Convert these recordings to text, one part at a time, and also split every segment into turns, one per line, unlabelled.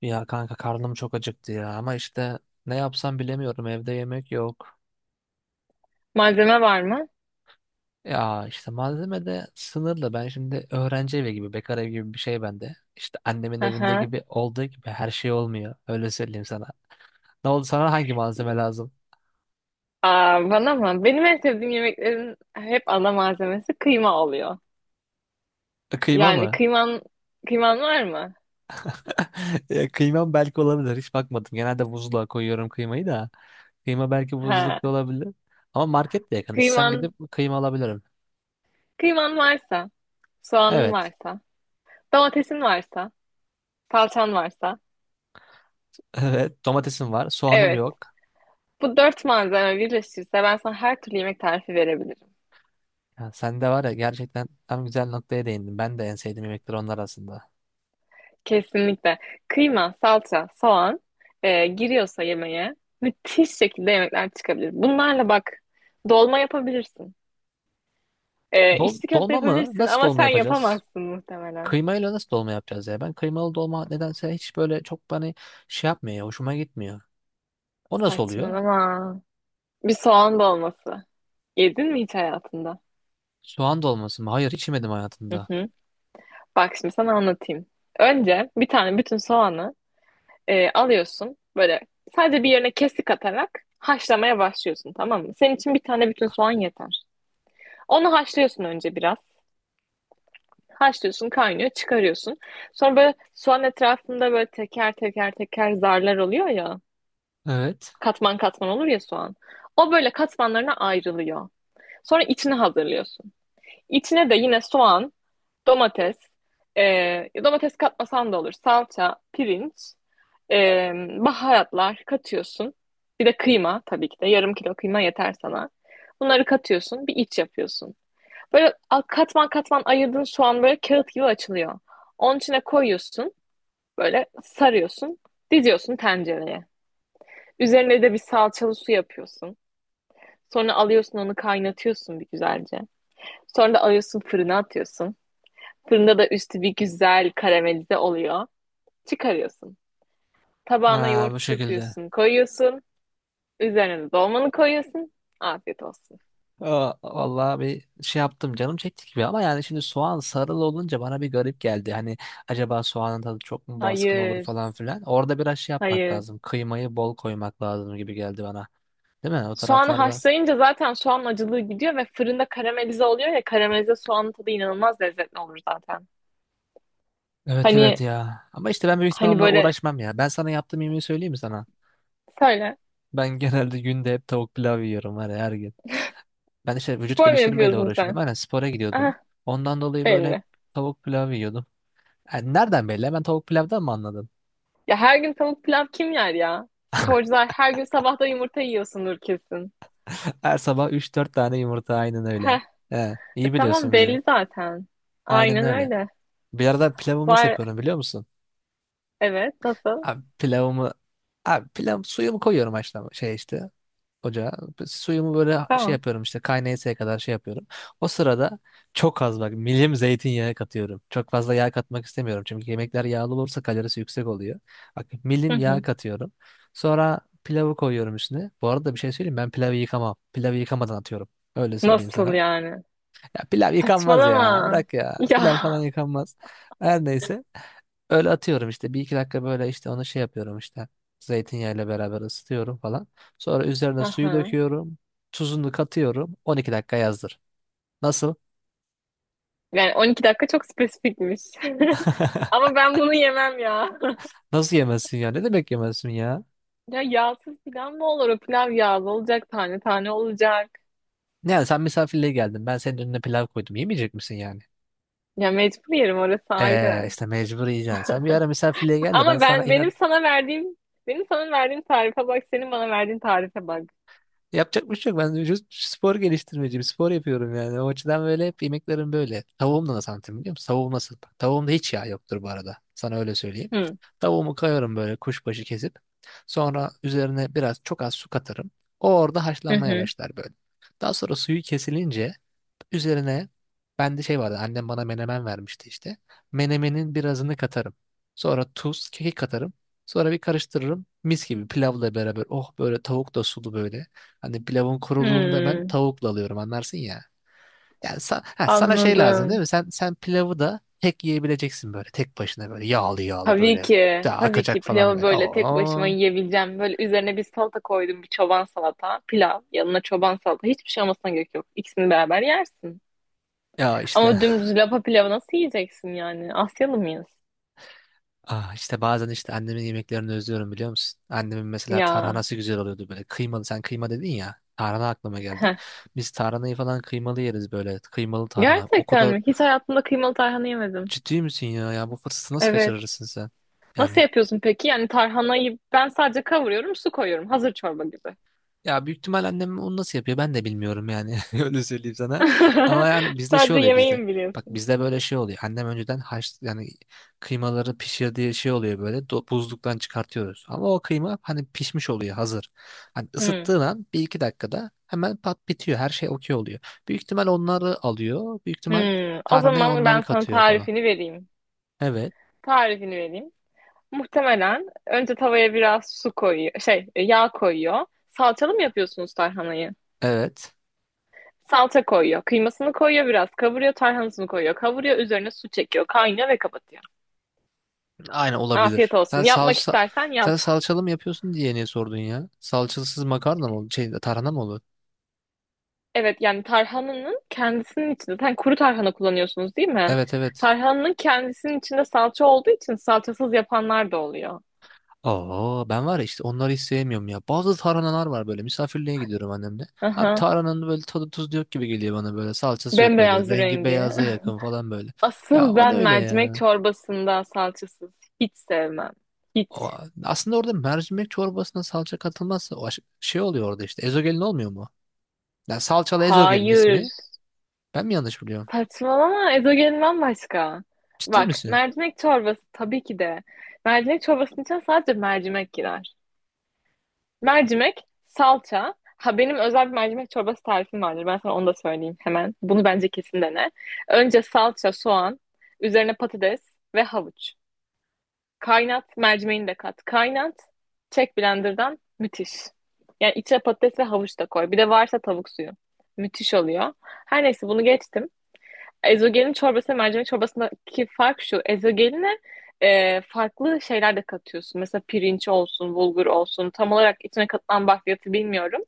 Ya kanka, karnım çok acıktı ya ama işte ne yapsam bilemiyorum, evde yemek yok.
Malzeme var mı?
Ya işte malzeme de sınırlı, ben şimdi öğrenci evi gibi, bekar evi gibi bir şey bende. İşte annemin
Hı
evinde
hı.
gibi olduğu gibi her şey olmuyor, öyle söyleyeyim sana. Ne oldu sana, hangi malzeme lazım?
Bana mı? Benim en sevdiğim yemeklerin hep ana malzemesi kıyma oluyor.
Kıyma
Yani
mı?
kıyman var mı?
Ya kıymam belki olabilir, hiç bakmadım, genelde buzluğa koyuyorum kıymayı da. Kıyma belki
Ha.
buzlukta olabilir ama market de yakın, istesem
Kıyman
gidip kıyma alabilirim.
kıyman varsa, soğanın
Evet.
varsa, domatesin varsa, salçan varsa.
Evet, domatesim var, soğanım
Evet.
yok.
Bu dört malzeme birleşirse ben sana her türlü yemek tarifi verebilirim.
Ya sen de var ya, gerçekten tam güzel noktaya değindin. Ben de en sevdiğim yemekler onlar arasında.
Kesinlikle. Kıyma, salça, soğan giriyorsa yemeğe müthiş şekilde yemekler çıkabilir. Bunlarla bak dolma yapabilirsin.
Dol
İçli köfte
dolma mı?
yapabilirsin
Nasıl
ama
dolma
sen
yapacağız?
yapamazsın muhtemelen.
Kıymayla nasıl dolma yapacağız ya? Ben kıymalı dolma nedense hiç böyle çok bana şey yapmıyor ya, hoşuma gitmiyor. O nasıl oluyor?
Saçmalama. Bir soğan dolması. Yedin mi hiç hayatında?
Soğan dolması mı? Hayır, hiç yemedim
Hı
hayatımda.
hı. Bak şimdi sana anlatayım. Önce bir tane bütün soğanı alıyorsun. Böyle sadece bir yerine kesik atarak haşlamaya başlıyorsun, tamam mı? Senin için bir tane bütün soğan yeter. Onu haşlıyorsun önce biraz. Haşlıyorsun, kaynıyor, çıkarıyorsun. Sonra böyle soğan etrafında böyle teker teker teker zarlar oluyor ya.
Evet.
Katman katman olur ya soğan. O böyle katmanlarına ayrılıyor. Sonra içini hazırlıyorsun. İçine de yine soğan, domates, domates katmasan da olur. Salça, pirinç, e, baharatlar katıyorsun. Bir de kıyma tabii ki de. Yarım kilo kıyma yeter sana. Bunları katıyorsun. Bir iç yapıyorsun. Böyle katman katman ayırdığın soğan böyle kağıt gibi açılıyor. Onun içine koyuyorsun. Böyle sarıyorsun. Diziyorsun tencereye. Üzerine de bir salçalı su yapıyorsun. Sonra alıyorsun onu kaynatıyorsun bir güzelce. Sonra da alıyorsun fırına atıyorsun. Fırında da üstü bir güzel karamelize oluyor. Çıkarıyorsun. Tabağına
Ha,
yoğurt
bu şekilde.
çırpıyorsun, koyuyorsun. Üzerine de dolmanı koyuyorsun. Afiyet olsun.
Aa, vallahi bir şey yaptım, canım çekti gibi ama yani şimdi soğan sarılı olunca bana bir garip geldi. Hani acaba soğanın tadı çok mu baskın olur
Hayır,
falan filan. Orada biraz şey yapmak
hayır.
lazım. Kıymayı bol koymak lazım gibi geldi bana. Değil mi? O
Soğanı
taraflarda.
haşlayınca zaten soğan acılığı gidiyor ve fırında karamelize oluyor ya, karamelize soğanın tadı inanılmaz lezzetli olur zaten.
Evet
Hani
evet ya. Ama işte ben büyük ihtimal
hani
onunla
böyle
uğraşmam ya. Ben sana yaptığım yemeği söyleyeyim mi sana?
söyle.
Ben genelde günde hep tavuk pilav yiyorum var ya, her gün. Ben işte vücut
Spor mu
geliştirmeyle
yapıyorsun
uğraşıyordum.
sen?
Aynen, spora gidiyordum.
Aha,
Ondan dolayı böyle hep
belli.
tavuk pilav yiyordum. Yani nereden belli? Ben tavuk pilavdan mı anladın?
Ya her gün tavuk pilav kim yer ya? Sporcular her gün sabahta yumurta yiyorsundur kesin.
Her sabah üç dört tane yumurta, aynen öyle.
Heh,
He, iyi
tamam
biliyorsun bizi.
belli zaten.
Aynen
Aynen
öyle.
öyle.
Bir arada pilavımı nasıl
Var,
yapıyorum biliyor musun?
evet, nasıl?
Abi pilavımı abi pilav suyumu koyuyorum, haşlama şey işte, ocağa. Suyumu böyle şey
Tamam.
yapıyorum işte, kaynayasıya kadar şey yapıyorum. O sırada çok az, bak milim zeytinyağı katıyorum. Çok fazla yağ katmak istemiyorum çünkü yemekler yağlı olursa kalorisi yüksek oluyor. Bak
Hı
milim yağ
hı.
katıyorum. Sonra pilavı koyuyorum üstüne. Bu arada bir şey söyleyeyim, ben pilavı yıkamam. Pilavı yıkamadan atıyorum. Öyle söyleyeyim
Nasıl
sana.
yani?
Ya pilav yıkanmaz ya.
Saçmalama.
Bırak ya.
Ya.
Pilav falan yıkanmaz. Her neyse. Öyle atıyorum işte. Bir iki dakika böyle işte onu şey yapıyorum işte. Zeytinyağıyla beraber ısıtıyorum falan. Sonra üzerine suyu
Aha.
döküyorum. Tuzunu katıyorum. 12 dakika yazdır. Nasıl?
Yani 12 dakika çok spesifikmiş. Ama ben bunu yemem ya.
Nasıl yemezsin ya? Ne demek yemezsin ya?
Ya yağsız pilav mı olur? O pilav yağlı olacak, tane tane olacak.
Yani sen misafirliğe geldin. Ben senin önüne pilav koydum. Yemeyecek misin yani?
Ya mecbur yerim, orası ayrı.
İşte mecbur yiyeceksin. Sen bir ara misafirliğe gel de ben
Ama
sana
ben
inat.
benim sana verdiğim benim sana verdiğim tarife bak, senin bana verdiğin tarife bak.
Yapacak bir şey yok. Ben vücut spor geliştirmeciyim. Spor yapıyorum yani. O açıdan böyle hep yemeklerim böyle. Tavuğum da nasıl anlatayım biliyor musun? Tavuğum nasıl? Tavuğumda hiç yağ yoktur bu arada. Sana öyle söyleyeyim.
Hı
Tavuğumu koyarım böyle kuşbaşı kesip. Sonra üzerine biraz, çok az su katarım. O orada
hı
haşlanmaya
hı.
başlar böyle. Daha sonra suyu kesilince üzerine, bende şey vardı, annem bana menemen vermişti işte. Menemenin birazını katarım. Sonra tuz, kekik katarım. Sonra bir karıştırırım. Mis gibi pilavla beraber. Oh, böyle tavuk da sulu böyle. Hani pilavın kuruluğunu da ben
Hı.
tavukla alıyorum, anlarsın ya. Yani sana şey lazım değil
Anladım.
mi? Sen pilavı da tek yiyebileceksin böyle, tek başına böyle, yağlı yağlı
Tabii
böyle.
ki.
Daha
Tabii ki
akacak falan
pilavı
böyle.
böyle tek başıma
Oo.
yiyebileceğim. Böyle üzerine bir salata koydum, bir çoban salata, pilav, yanına çoban salata. Hiçbir şey olmasına gerek yok. İkisini beraber yersin.
Ya işte.
Ama dümdüz lapa pilavı nasıl yiyeceksin yani? Asyalı mıyız?
Ah, işte bazen işte annemin yemeklerini özlüyorum biliyor musun? Annemin mesela
Ya.
tarhanası güzel oluyordu böyle. Kıymalı, sen kıyma dedin ya, tarhana aklıma geldi.
Heh.
Biz tarhanayı falan kıymalı yeriz böyle. Kıymalı tarhana. O
Gerçekten
kadar
mi? Hiç hayatımda kıymalı tarhana yemedim.
ciddi misin ya? Ya bu fırsatı nasıl
Evet.
kaçırırsın sen?
Nasıl
Yani,
yapıyorsun peki? Yani tarhanayı ben sadece kavuruyorum, su koyuyorum. Hazır çorba gibi.
ya büyük ihtimal annem onu nasıl yapıyor ben de bilmiyorum yani, öyle söyleyeyim sana. Ama yani bizde şey
Sadece
oluyor
yemeği
bizde.
mi
Bak,
biliyorsun?
bizde böyle şey oluyor. Annem önceden yani kıymaları pişirdiği şey oluyor böyle, buzluktan çıkartıyoruz. Ama o kıyma hani pişmiş oluyor hazır. Hani
Hmm.
ısıttığın an bir iki dakikada hemen pat bitiyor, her şey okey oluyor. Büyük ihtimal onları alıyor. Büyük ihtimal
Hmm. O
tarhaneye
zaman ben
onları
sana
katıyor falan.
tarifini vereyim.
Evet.
Tarifini vereyim. Muhtemelen önce tavaya biraz su koyuyor, şey yağ koyuyor. Salçalı mı yapıyorsunuz tarhanayı?
Evet.
Salça koyuyor, kıymasını koyuyor biraz, kavuruyor, tarhanasını koyuyor, kavuruyor, üzerine su çekiyor, kaynıyor ve kapatıyor.
Aynen,
Afiyet
olabilir. Sen
olsun. Yapmak
salça
istersen
sen
yap.
salçalı mı yapıyorsun diye niye sordun ya? Salçasız makarna mı olur? Şey, tarhana mı olur?
Evet, yani tarhananın kendisinin içinde sen kuru tarhana kullanıyorsunuz değil mi?
Evet evet.
Tarhananın kendisinin içinde salça olduğu için salçasız yapanlar da oluyor.
Oo, ben var ya işte onları hiç sevmiyorum ya. Bazı tarhanalar var böyle, misafirliğe gidiyorum annemle. Abi
Aha.
tarhananın böyle tadı, tuzlu yok gibi geliyor bana böyle. Salçası yok böyle.
Bembeyaz
Rengi
rengi.
beyaza yakın falan böyle. Ya
Asıl
o ne
ben
öyle
mercimek
ya?
çorbasında salçasız hiç sevmem. Hiç.
O, aslında orada mercimek çorbasına salça katılmazsa o şey oluyor orada işte. Ezogelin olmuyor mu? Ya salçalı ezogelin
Hayır.
ismi. Ben mi yanlış biliyorum?
Saçmalama, ezogelin bambaşka.
Ciddi
Bak
misin?
mercimek çorbası tabii ki de. Mercimek çorbasının içine sadece mercimek girer. Mercimek, salça. Ha, benim özel bir mercimek çorbası tarifim vardır. Ben sana onu da söyleyeyim hemen. Bunu bence kesin dene. Önce salça, soğan, üzerine patates ve havuç. Kaynat, mercimeğini de kat. Kaynat, çek blenderdan. Müthiş. Yani içine patates ve havuç da koy. Bir de varsa tavuk suyu. Müthiş oluyor. Her neyse, bunu geçtim. Ezogelin çorbası ve mercimek çorbasındaki fark şu. Ezogeline farklı şeyler de katıyorsun. Mesela pirinç olsun, bulgur olsun. Tam olarak içine katılan bakliyatı bilmiyorum.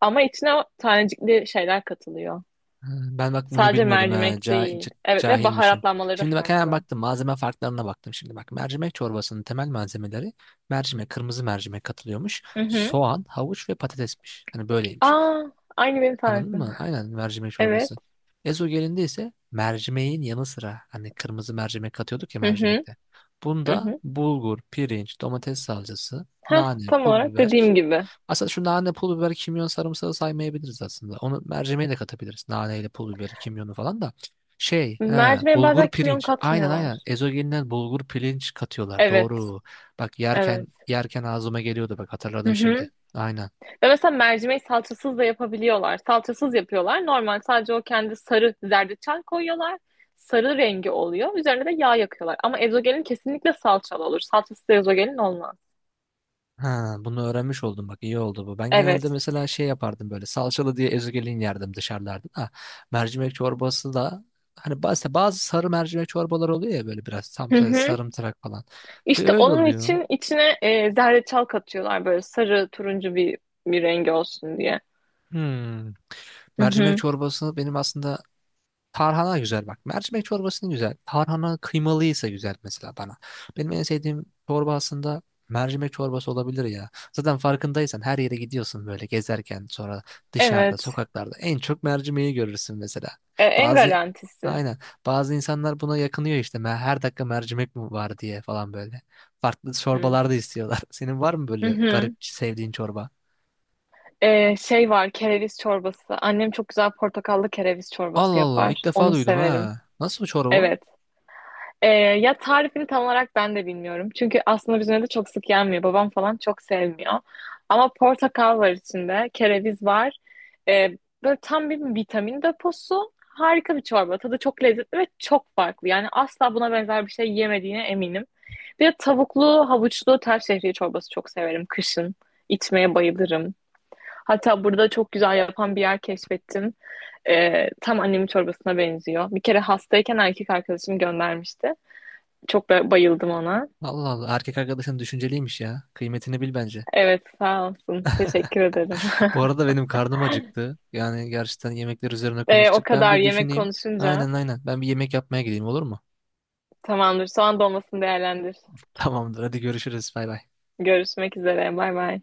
Ama içine o tanecikli şeyler katılıyor.
Ha, ben bak bunu
Sadece
bilmiyordum ha.
mercimek değil. Evet ve
Cahilmişim.
baharatlanmaları da
Şimdi bak hemen
farklı.
baktım. Malzeme farklarına baktım şimdi. Bak, mercimek çorbasının temel malzemeleri mercimek, kırmızı mercimek katılıyormuş.
Hı hı.
Soğan, havuç ve patatesmiş. Hani böyleymiş.
Aa, Aynı benim
Anladın
tarifim.
mı? Aynen, mercimek
Evet.
çorbası. Ezogelinde ise mercimeğin yanı sıra, hani kırmızı mercimek katıyorduk ya
Hı hı.
mercimekte,
Hı
bunda
hı.
bulgur, pirinç, domates salçası,
Heh,
nane,
tam
pul
olarak
biber,
dediğim gibi.
aslında şu nane, pul biber, kimyon, sarımsağı saymayabiliriz aslında. Onu mercimeğe de katabiliriz, naneyle pul biberi, kimyonu falan da. Şey, ha,
Mercimeğe bazen
bulgur
kimyon
pirinç. Aynen aynen.
katmıyorlar.
Ezogelinden bulgur pirinç katıyorlar.
Evet.
Doğru. Bak
Evet.
yerken yerken ağzıma geliyordu. Bak
Hı
hatırladım şimdi.
hı.
Aynen.
Ve mesela mercimeği salçasız da yapabiliyorlar. Salçasız yapıyorlar. Normal sadece o kendi sarı zerdeçal koyuyorlar. Sarı rengi oluyor. Üzerine de yağ yakıyorlar. Ama ezogelin kesinlikle salçalı olur. Salçası da ezogelin olmaz.
Ha, bunu öğrenmiş oldum, bak iyi oldu bu. Ben genelde
Evet.
mesela şey yapardım böyle, salçalı diye ezogelin yerdim dışarılarda da. Mercimek çorbası da hani bazı sarı mercimek çorbaları oluyor ya böyle, biraz tam
Hı hı.
sarımtırak falan. Bir
İşte
öyle
onun
oluyor.
için içine zerdeçal katıyorlar böyle sarı turuncu bir bir rengi olsun diye.
Hmm.
Hı
Mercimek
hı.
çorbası benim aslında, tarhana güzel bak. Mercimek çorbasının güzel. Tarhana kıymalıysa güzel mesela bana. Benim en sevdiğim çorba aslında mercimek çorbası olabilir ya. Zaten farkındaysan, her yere gidiyorsun böyle gezerken, sonra dışarıda
Evet.
sokaklarda en çok mercimeği görürsün mesela.
En
Bazı
garantisi.
aynen bazı insanlar buna yakınıyor işte, her dakika mercimek mi var" diye falan böyle. Farklı
Hı.
çorbalar da istiyorlar. Senin var mı
Hı
böyle
hı.
garip sevdiğin çorba?
Şey var, kereviz çorbası. Annem çok güzel portakallı kereviz çorbası
Allah Allah,
yapar.
ilk defa
Onu
duydum
severim.
ha. Nasıl bu çorba?
Evet. Ya tarifini tam olarak ben de bilmiyorum. Çünkü aslında bizim evde çok sık yenmiyor. Babam falan çok sevmiyor. Ama portakal var içinde, kereviz var. Ee, Böyle tam bir vitamin deposu. Harika bir çorba. Tadı çok lezzetli ve çok farklı. Yani asla buna benzer bir şey yemediğine eminim. Bir de tavuklu, havuçlu tel şehriye çorbası çok severim kışın. İçmeye bayılırım. Hatta burada çok güzel yapan bir yer keşfettim. Tam annemin çorbasına benziyor. Bir kere hastayken erkek arkadaşım göndermişti. Çok bayıldım ona.
Allah Allah, erkek arkadaşın düşünceliymiş ya. Kıymetini bil bence.
Evet, sağ olsun. Teşekkür ederim.
Bu arada benim karnım acıktı. Yani gerçekten yemekler üzerine
O
konuştuk. Ben
kadar
bir
yemek
düşüneyim.
konuşunca
Aynen aynen. Ben bir yemek yapmaya gideyim, olur mu?
tamamdır. Soğan dolmasını değerlendir.
Tamamdır. Hadi görüşürüz. Bay bay.
Görüşmek üzere. Bay bay.